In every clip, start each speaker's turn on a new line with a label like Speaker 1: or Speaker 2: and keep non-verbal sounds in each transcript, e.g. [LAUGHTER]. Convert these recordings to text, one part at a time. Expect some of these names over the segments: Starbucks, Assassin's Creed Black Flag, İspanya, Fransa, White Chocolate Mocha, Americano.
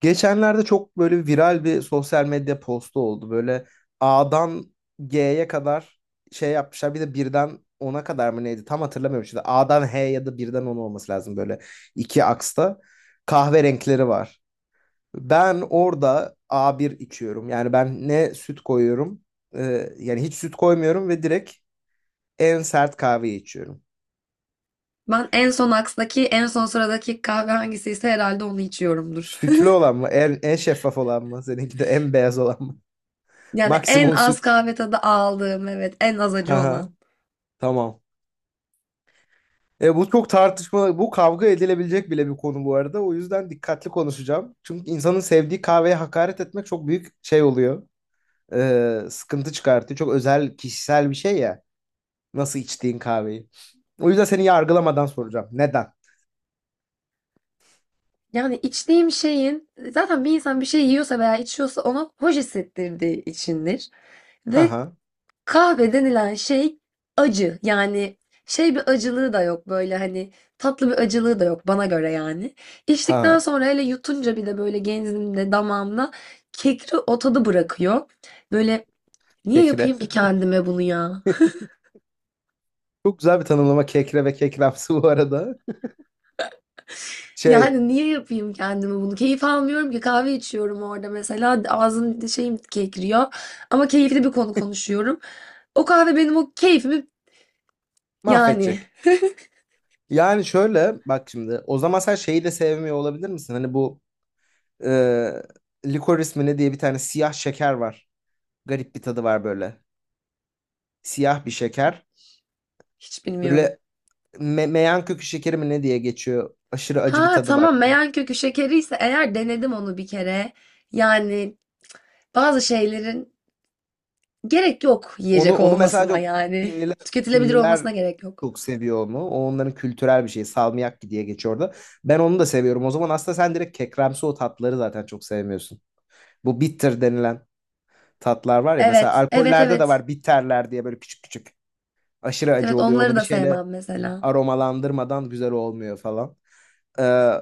Speaker 1: Geçenlerde çok böyle viral bir sosyal medya postu oldu. Böyle A'dan G'ye kadar şey yapmışlar. Bir de 1'den 10'a kadar mı neydi? Tam hatırlamıyorum şimdi. A'dan H ya da 1'den 10 olması lazım böyle iki aksta. Kahve renkleri var. Ben orada A1 içiyorum. Yani ben ne süt koyuyorum, yani hiç süt koymuyorum ve direkt en sert kahveyi içiyorum.
Speaker 2: Ben en son aksdaki, en son sıradaki kahve hangisiyse herhalde onu içiyorumdur. [LAUGHS]
Speaker 1: Sütlü olan mı? En şeffaf olan mı? Seninki de en beyaz olan mı? [LAUGHS]
Speaker 2: Yani en
Speaker 1: Maksimum
Speaker 2: az
Speaker 1: süt.
Speaker 2: kahve tadı aldığım, evet, en az acı
Speaker 1: Haha.
Speaker 2: olan.
Speaker 1: Tamam. Bu çok tartışma, bu kavga edilebilecek bile bir konu bu arada. O yüzden dikkatli konuşacağım. Çünkü insanın sevdiği kahveye hakaret etmek çok büyük şey oluyor. Sıkıntı çıkartıyor. Çok özel, kişisel bir şey ya. Nasıl içtiğin kahveyi. O yüzden seni yargılamadan soracağım. Neden?
Speaker 2: Yani içtiğim şeyin, zaten bir insan bir şey yiyorsa veya içiyorsa ona hoş hissettirdiği içindir.
Speaker 1: Ha
Speaker 2: Ve
Speaker 1: ha.
Speaker 2: kahve denilen şey acı. Yani şey bir acılığı da yok, böyle hani tatlı bir acılığı da yok bana göre yani. İçtikten
Speaker 1: Ha.
Speaker 2: sonra hele yutunca bir de böyle genzimde, damağımda kekri o tadı bırakıyor. Böyle, niye
Speaker 1: Kekre.
Speaker 2: yapayım ki kendime bunu ya? [LAUGHS]
Speaker 1: [LAUGHS] Çok güzel bir tanımlama kekre ve kekremsi bu arada. Şey,
Speaker 2: Yani niye yapayım kendime bunu? Keyif almıyorum ki kahve içiyorum orada mesela. Ağzım şeyim kekriyor. Ama keyifli bir konu konuşuyorum. O kahve benim o keyfimi yani,
Speaker 1: mahvedecek. Yani şöyle bak şimdi. O zaman sen şeyi de sevmiyor olabilir misin? Hani bu e, licorice mi ne diye bir tane siyah şeker var. Garip bir tadı var böyle. Siyah bir şeker.
Speaker 2: hiç bilmiyorum.
Speaker 1: Böyle meyan kökü şekeri mi ne diye geçiyor. Aşırı acı bir
Speaker 2: Ha
Speaker 1: tadı var.
Speaker 2: tamam, meyan kökü şekeri ise eğer denedim onu bir kere. Yani bazı şeylerin gerek yok
Speaker 1: Onu
Speaker 2: yiyecek
Speaker 1: onu mesela
Speaker 2: olmasına
Speaker 1: çok
Speaker 2: yani.
Speaker 1: Çinliler,
Speaker 2: Tüketilebilir
Speaker 1: Çinliler
Speaker 2: olmasına gerek yok.
Speaker 1: çok seviyor onu. O onların kültürel bir şeyi Salmiakki diye geçiyor orada. Ben onu da seviyorum. O zaman aslında sen direkt kekremsi o tatları zaten çok sevmiyorsun. Bu bitter denilen tatlar var ya. Mesela
Speaker 2: Evet, evet,
Speaker 1: alkollerde de
Speaker 2: evet.
Speaker 1: var bitterler diye böyle küçük küçük. Aşırı acı
Speaker 2: Evet,
Speaker 1: oluyor.
Speaker 2: onları
Speaker 1: Onu bir
Speaker 2: da
Speaker 1: şeyle
Speaker 2: sevmem mesela.
Speaker 1: aromalandırmadan güzel olmuyor falan. Ee,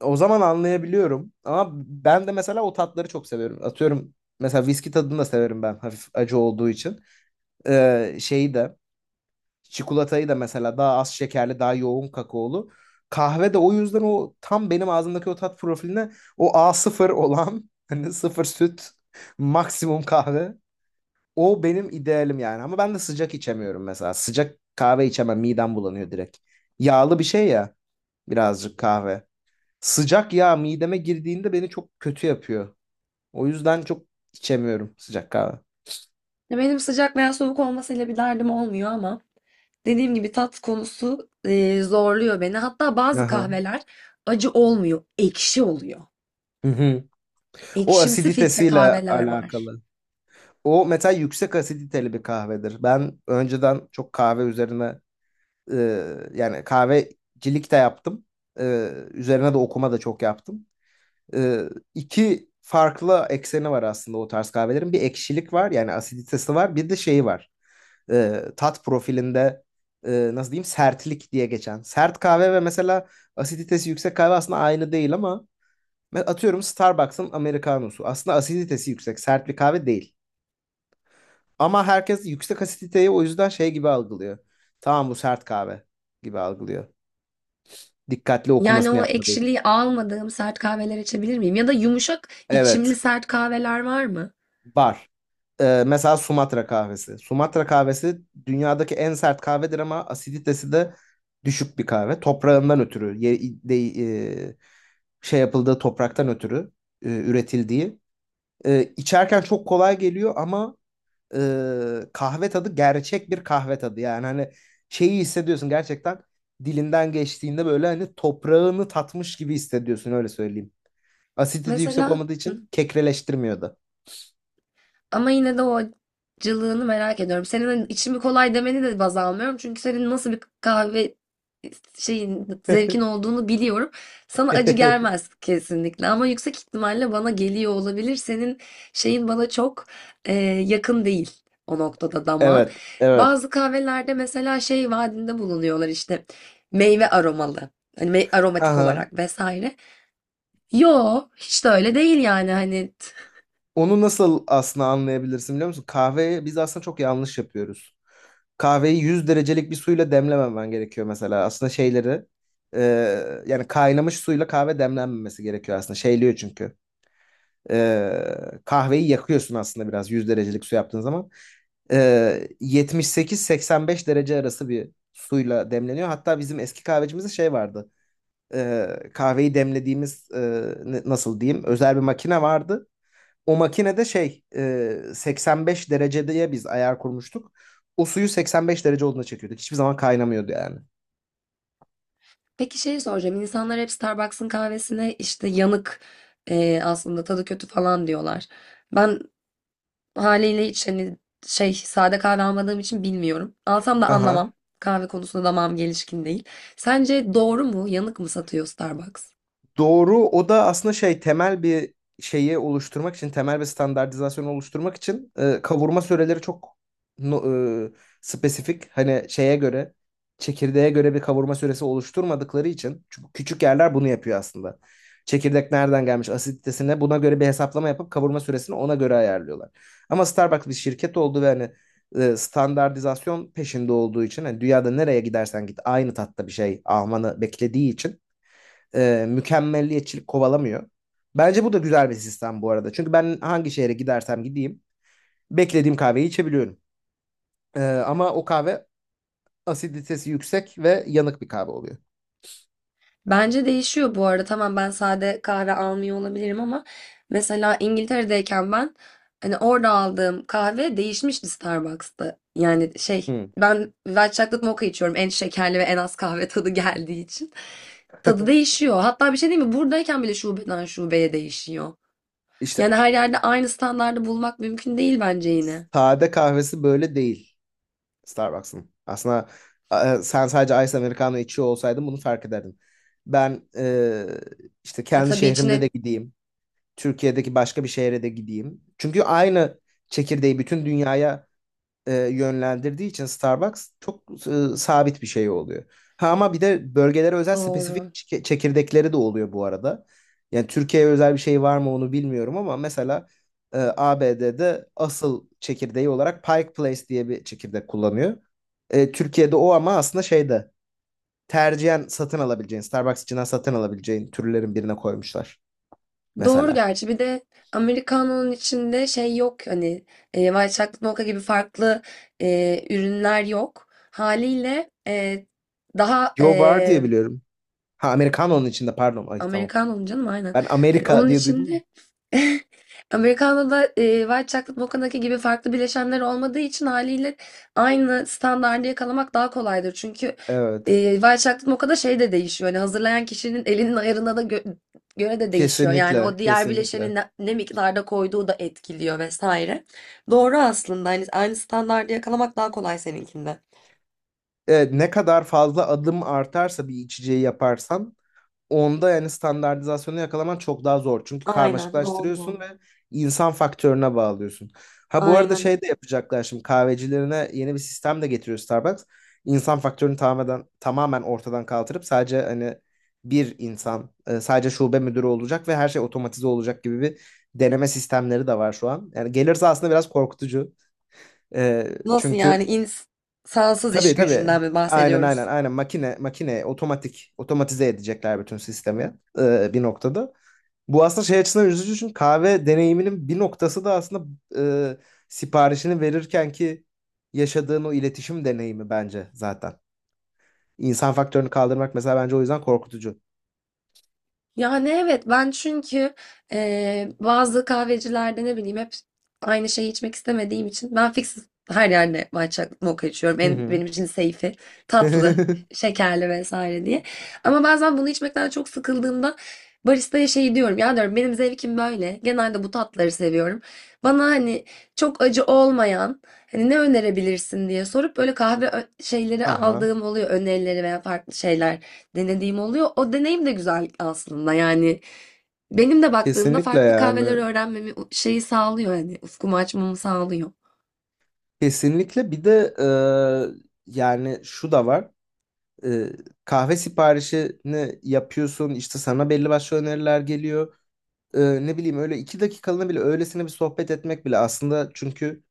Speaker 1: o zaman anlayabiliyorum. Ama ben de mesela o tatları çok seviyorum. Atıyorum mesela viski tadını da severim ben hafif acı olduğu için. Şeyi de çikolatayı da mesela daha az şekerli daha yoğun kakaolu. Kahve de o yüzden o tam benim ağzımdaki o tat profiline o a sıfır olan [LAUGHS] hani sıfır süt maksimum kahve. O benim idealim yani ama ben de sıcak içemiyorum mesela. Sıcak kahve içemem, midem bulanıyor direkt. Yağlı bir şey ya. Birazcık kahve. Sıcak yağ mideme girdiğinde beni çok kötü yapıyor. O yüzden çok içemiyorum sıcak kahve.
Speaker 2: Ya benim sıcak veya soğuk olmasıyla bir derdim olmuyor ama dediğim gibi tat konusu zorluyor beni. Hatta bazı
Speaker 1: Aha.
Speaker 2: kahveler acı olmuyor, ekşi oluyor.
Speaker 1: Hı hı. O
Speaker 2: Ekşimsi filtre
Speaker 1: asiditesiyle
Speaker 2: kahveler var.
Speaker 1: alakalı. O mesela yüksek asiditeli bir kahvedir. Ben önceden çok kahve üzerine e, yani kahvecilik de yaptım. E, üzerine de okuma da çok yaptım. E, iki farklı ekseni var aslında o tarz kahvelerin. Bir ekşilik var yani asiditesi var. Bir de şeyi var. Tat profilinde nasıl diyeyim sertlik diye geçen. Sert kahve ve mesela asiditesi yüksek kahve aslında aynı değil ama atıyorum Starbucks'ın Americano'su. Aslında asiditesi yüksek, sert bir kahve değil. Ama herkes yüksek asiditeyi o yüzden şey gibi algılıyor. Tamam, bu sert kahve gibi algılıyor. Dikkatli
Speaker 2: Yani
Speaker 1: okumasını
Speaker 2: o
Speaker 1: yapmadığı için.
Speaker 2: ekşiliği almadığım sert kahveler içebilir miyim? Ya da yumuşak içimli
Speaker 1: Evet,
Speaker 2: sert kahveler var mı?
Speaker 1: var. Mesela Sumatra kahvesi. Sumatra kahvesi dünyadaki en sert kahvedir ama asiditesi de düşük bir kahve. Toprağından ötürü, şey yapıldığı topraktan ötürü üretildiği. E, içerken çok kolay geliyor ama kahve tadı, gerçek bir kahve tadı. Yani hani şeyi hissediyorsun gerçekten, dilinden geçtiğinde böyle hani toprağını tatmış gibi hissediyorsun, öyle söyleyeyim. Asidite yüksek
Speaker 2: Mesela
Speaker 1: olmadığı için kekreleştirmiyordu.
Speaker 2: ama yine de o acılığını merak ediyorum. Senin hani içimi kolay demeni de baz almıyorum. Çünkü senin nasıl bir kahve şeyin, zevkin
Speaker 1: [LAUGHS]
Speaker 2: olduğunu biliyorum. Sana acı gelmez kesinlikle ama yüksek ihtimalle bana geliyor olabilir. Senin şeyin bana çok e, yakın değil o noktada damağın.
Speaker 1: Evet, evet.
Speaker 2: Bazı kahvelerde mesela şey vaadinde bulunuyorlar, işte meyve aromalı. Hani
Speaker 1: Ha
Speaker 2: aromatik
Speaker 1: ha.
Speaker 2: olarak vesaire. Yo, hiç de öyle değil yani hani
Speaker 1: Onu nasıl aslında anlayabilirsin biliyor musun? Kahveyi biz aslında çok yanlış yapıyoruz. Kahveyi 100 derecelik bir suyla demlememen gerekiyor mesela. Aslında şeyleri e, yani kaynamış suyla kahve demlenmemesi gerekiyor aslında. Şeyliyor çünkü. Kahveyi yakıyorsun aslında biraz, 100 derecelik su yaptığın zaman. E, 78-85 derece arası bir suyla demleniyor. Hatta bizim eski kahvecimizde şey vardı. Kahveyi demlediğimiz nasıl diyeyim, özel bir makine vardı. O makinede şey, 85 dereceye biz ayar kurmuştuk. O suyu 85 derece olduğuna çekiyorduk. Hiçbir zaman kaynamıyordu yani.
Speaker 2: peki şey soracağım. İnsanlar hep Starbucks'ın kahvesine işte yanık, aslında tadı kötü falan diyorlar. Ben haliyle hiç hani şey sade kahve almadığım için bilmiyorum. Alsam da
Speaker 1: Aha.
Speaker 2: anlamam. Kahve konusunda damağım gelişkin değil. Sence doğru mu? Yanık mı satıyor Starbucks?
Speaker 1: Doğru. O da aslında şey, temel bir şeyi oluşturmak için, temel bir standartizasyonu oluşturmak için kavurma süreleri çok no- e, spesifik. Hani şeye göre, çekirdeğe göre bir kavurma süresi oluşturmadıkları için. Çünkü küçük yerler bunu yapıyor aslında. Çekirdek nereden gelmiş, asiditesine, buna göre bir hesaplama yapıp kavurma süresini ona göre ayarlıyorlar. Ama Starbucks bir şirket oldu ve hani standartizasyon peşinde olduğu için, hani dünyada nereye gidersen git aynı tatta bir şey almanı beklediği için mükemmelliyetçilik kovalamıyor. Bence bu da güzel bir sistem bu arada. Çünkü ben hangi şehre gidersem gideyim beklediğim kahveyi içebiliyorum. Ama o kahve asiditesi yüksek ve yanık bir kahve oluyor.
Speaker 2: Bence değişiyor bu arada. Tamam, ben sade kahve almıyor olabilirim ama mesela İngiltere'deyken ben hani orada aldığım kahve değişmişti Starbucks'ta. Yani şey,
Speaker 1: Hı.
Speaker 2: ben White Chocolate Mocha içiyorum en şekerli ve en az kahve tadı geldiği için. Tadı
Speaker 1: [LAUGHS]
Speaker 2: değişiyor. Hatta bir şey değil mi? Buradayken bile şubeden şubeye değişiyor.
Speaker 1: İşte
Speaker 2: Yani her yerde aynı standardı bulmak mümkün değil bence yine.
Speaker 1: sade kahvesi böyle değil Starbucks'ın. Aslında sen sadece Ice Americano içiyor olsaydın bunu fark ederdin. Ben işte
Speaker 2: E,
Speaker 1: kendi
Speaker 2: tabii
Speaker 1: şehrimde de
Speaker 2: içine
Speaker 1: gideyim. Türkiye'deki başka bir şehre de gideyim. Çünkü aynı çekirdeği bütün dünyaya yönlendirdiği için Starbucks çok sabit bir şey oluyor. Ha, ama bir de bölgelere özel
Speaker 2: doğru.
Speaker 1: spesifik çekirdekleri de oluyor bu arada. Yani Türkiye'ye özel bir şey var mı onu bilmiyorum ama mesela ABD'de asıl çekirdeği olarak Pike Place diye bir çekirdek kullanıyor. Türkiye'de o ama aslında şeyde, tercihen satın alabileceğin, Starbucks içinden satın alabileceğin türlerin birine koymuşlar.
Speaker 2: Doğru
Speaker 1: Mesela.
Speaker 2: gerçi. Bir de Americano'nun içinde şey yok, hani White Chocolate Mocha gibi farklı ürünler yok. Haliyle daha
Speaker 1: Yo, var diye biliyorum. Ha, Americano'nun içinde, pardon. Ay, tamam.
Speaker 2: Americano'nun canım aynen.
Speaker 1: Ben
Speaker 2: Hani
Speaker 1: Amerika
Speaker 2: onun
Speaker 1: diye duydum mu?
Speaker 2: içinde [LAUGHS] Americano'da White Chocolate Mocha'daki gibi farklı bileşenler olmadığı için haliyle aynı standardı yakalamak daha kolaydır. Çünkü
Speaker 1: Evet.
Speaker 2: White Chocolate Mocha'da şey de değişiyor. Hani hazırlayan kişinin elinin ayarına da göre de değişiyor. Yani
Speaker 1: Kesinlikle.
Speaker 2: o diğer bileşeni
Speaker 1: Kesinlikle.
Speaker 2: ne, ne miktarda koyduğu da etkiliyor vesaire. Doğru aslında. Hani aynı standardı yakalamak daha kolay seninkinde.
Speaker 1: Evet, ne kadar fazla adım artarsa bir içeceği yaparsan, onda yani standartizasyonu yakalaman çok daha zor. Çünkü
Speaker 2: Aynen
Speaker 1: karmaşıklaştırıyorsun
Speaker 2: doğru.
Speaker 1: ve insan faktörüne bağlıyorsun. Ha, bu arada
Speaker 2: Aynen
Speaker 1: şey
Speaker 2: öyle.
Speaker 1: de yapacaklar şimdi, kahvecilerine yeni bir sistem de getiriyor Starbucks. İnsan faktörünü tamamen ortadan kaldırıp sadece hani bir insan, sadece şube müdürü olacak ve her şey otomatize olacak gibi bir deneme sistemleri de var şu an. Yani gelirse aslında biraz korkutucu. E,
Speaker 2: Nasıl
Speaker 1: çünkü
Speaker 2: yani, insansız iş
Speaker 1: tabii, tabii.
Speaker 2: gücünden mi
Speaker 1: Aynen, aynen,
Speaker 2: bahsediyoruz?
Speaker 1: aynen, makine makine otomatize edecekler bütün sistemi bir noktada. Bu aslında şey açısından üzücü, çünkü kahve deneyiminin bir noktası da aslında e, siparişini verirken ki yaşadığın o iletişim deneyimi bence zaten. İnsan faktörünü kaldırmak mesela bence o yüzden korkutucu.
Speaker 2: Yani evet, ben çünkü bazı kahvecilerde ne bileyim hep aynı şeyi içmek istemediğim için ben fix her yerde matcha mocha içiyorum.
Speaker 1: Hı
Speaker 2: En,
Speaker 1: hı.
Speaker 2: benim için safe'i tatlı,
Speaker 1: [LAUGHS]
Speaker 2: şekerli vesaire diye. Ama bazen bunu içmekten çok sıkıldığımda baristaya şey diyorum ya, diyorum benim zevkim böyle. Genelde bu tatları seviyorum. Bana hani çok acı olmayan, hani ne önerebilirsin diye sorup böyle kahve şeyleri
Speaker 1: Aha,
Speaker 2: aldığım oluyor, önerileri veya farklı şeyler denediğim oluyor. O deneyim de güzel aslında yani. Benim de baktığımda
Speaker 1: kesinlikle
Speaker 2: farklı kahveler
Speaker 1: yani.
Speaker 2: öğrenmemi şeyi sağlıyor, hani ufkumu açmamı sağlıyor.
Speaker 1: Kesinlikle bir de yani şu da var. E, kahve siparişini yapıyorsun, işte sana belli başlı öneriler geliyor. E, ne bileyim, öyle 2 dakikalığına bile öylesine bir sohbet etmek bile aslında, çünkü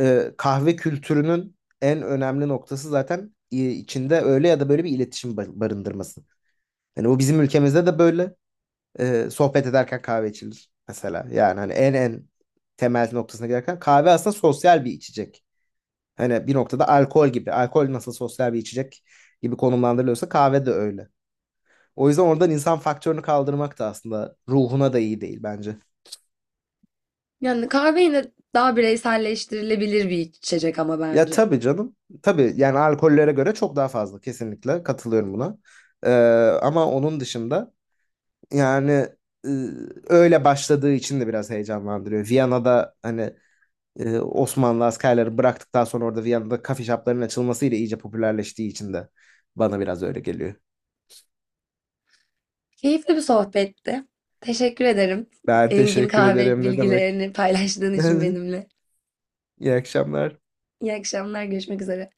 Speaker 1: kahve kültürünün en önemli noktası zaten içinde öyle ya da böyle bir iletişim barındırması. Yani bu bizim ülkemizde de böyle. Sohbet ederken kahve içilir mesela. Yani hani en temel noktasına giderken kahve aslında sosyal bir içecek. Hani bir noktada alkol gibi. Alkol nasıl sosyal bir içecek gibi konumlandırılıyorsa, kahve de öyle. O yüzden oradan insan faktörünü kaldırmak da aslında ruhuna da iyi değil bence.
Speaker 2: Yani kahve yine daha bireyselleştirilebilir bir içecek ama
Speaker 1: Ya
Speaker 2: bence.
Speaker 1: tabii canım. Tabii, yani alkollere göre çok daha fazla, kesinlikle katılıyorum buna. Ee, ama onun dışında, yani e, öyle başladığı için de biraz heyecanlandırıyor. Viyana'da hani Osmanlı askerleri bıraktıktan sonra orada, Viyana'da kafe shop'ların açılmasıyla iyice popülerleştiği için de bana biraz öyle geliyor.
Speaker 2: Keyifli bir sohbetti. Teşekkür ederim.
Speaker 1: Ben
Speaker 2: Engin
Speaker 1: teşekkür
Speaker 2: kahve
Speaker 1: ederim, ne demek.
Speaker 2: bilgilerini paylaştığın için
Speaker 1: [LAUGHS]
Speaker 2: benimle.
Speaker 1: İyi akşamlar.
Speaker 2: İyi akşamlar, görüşmek üzere.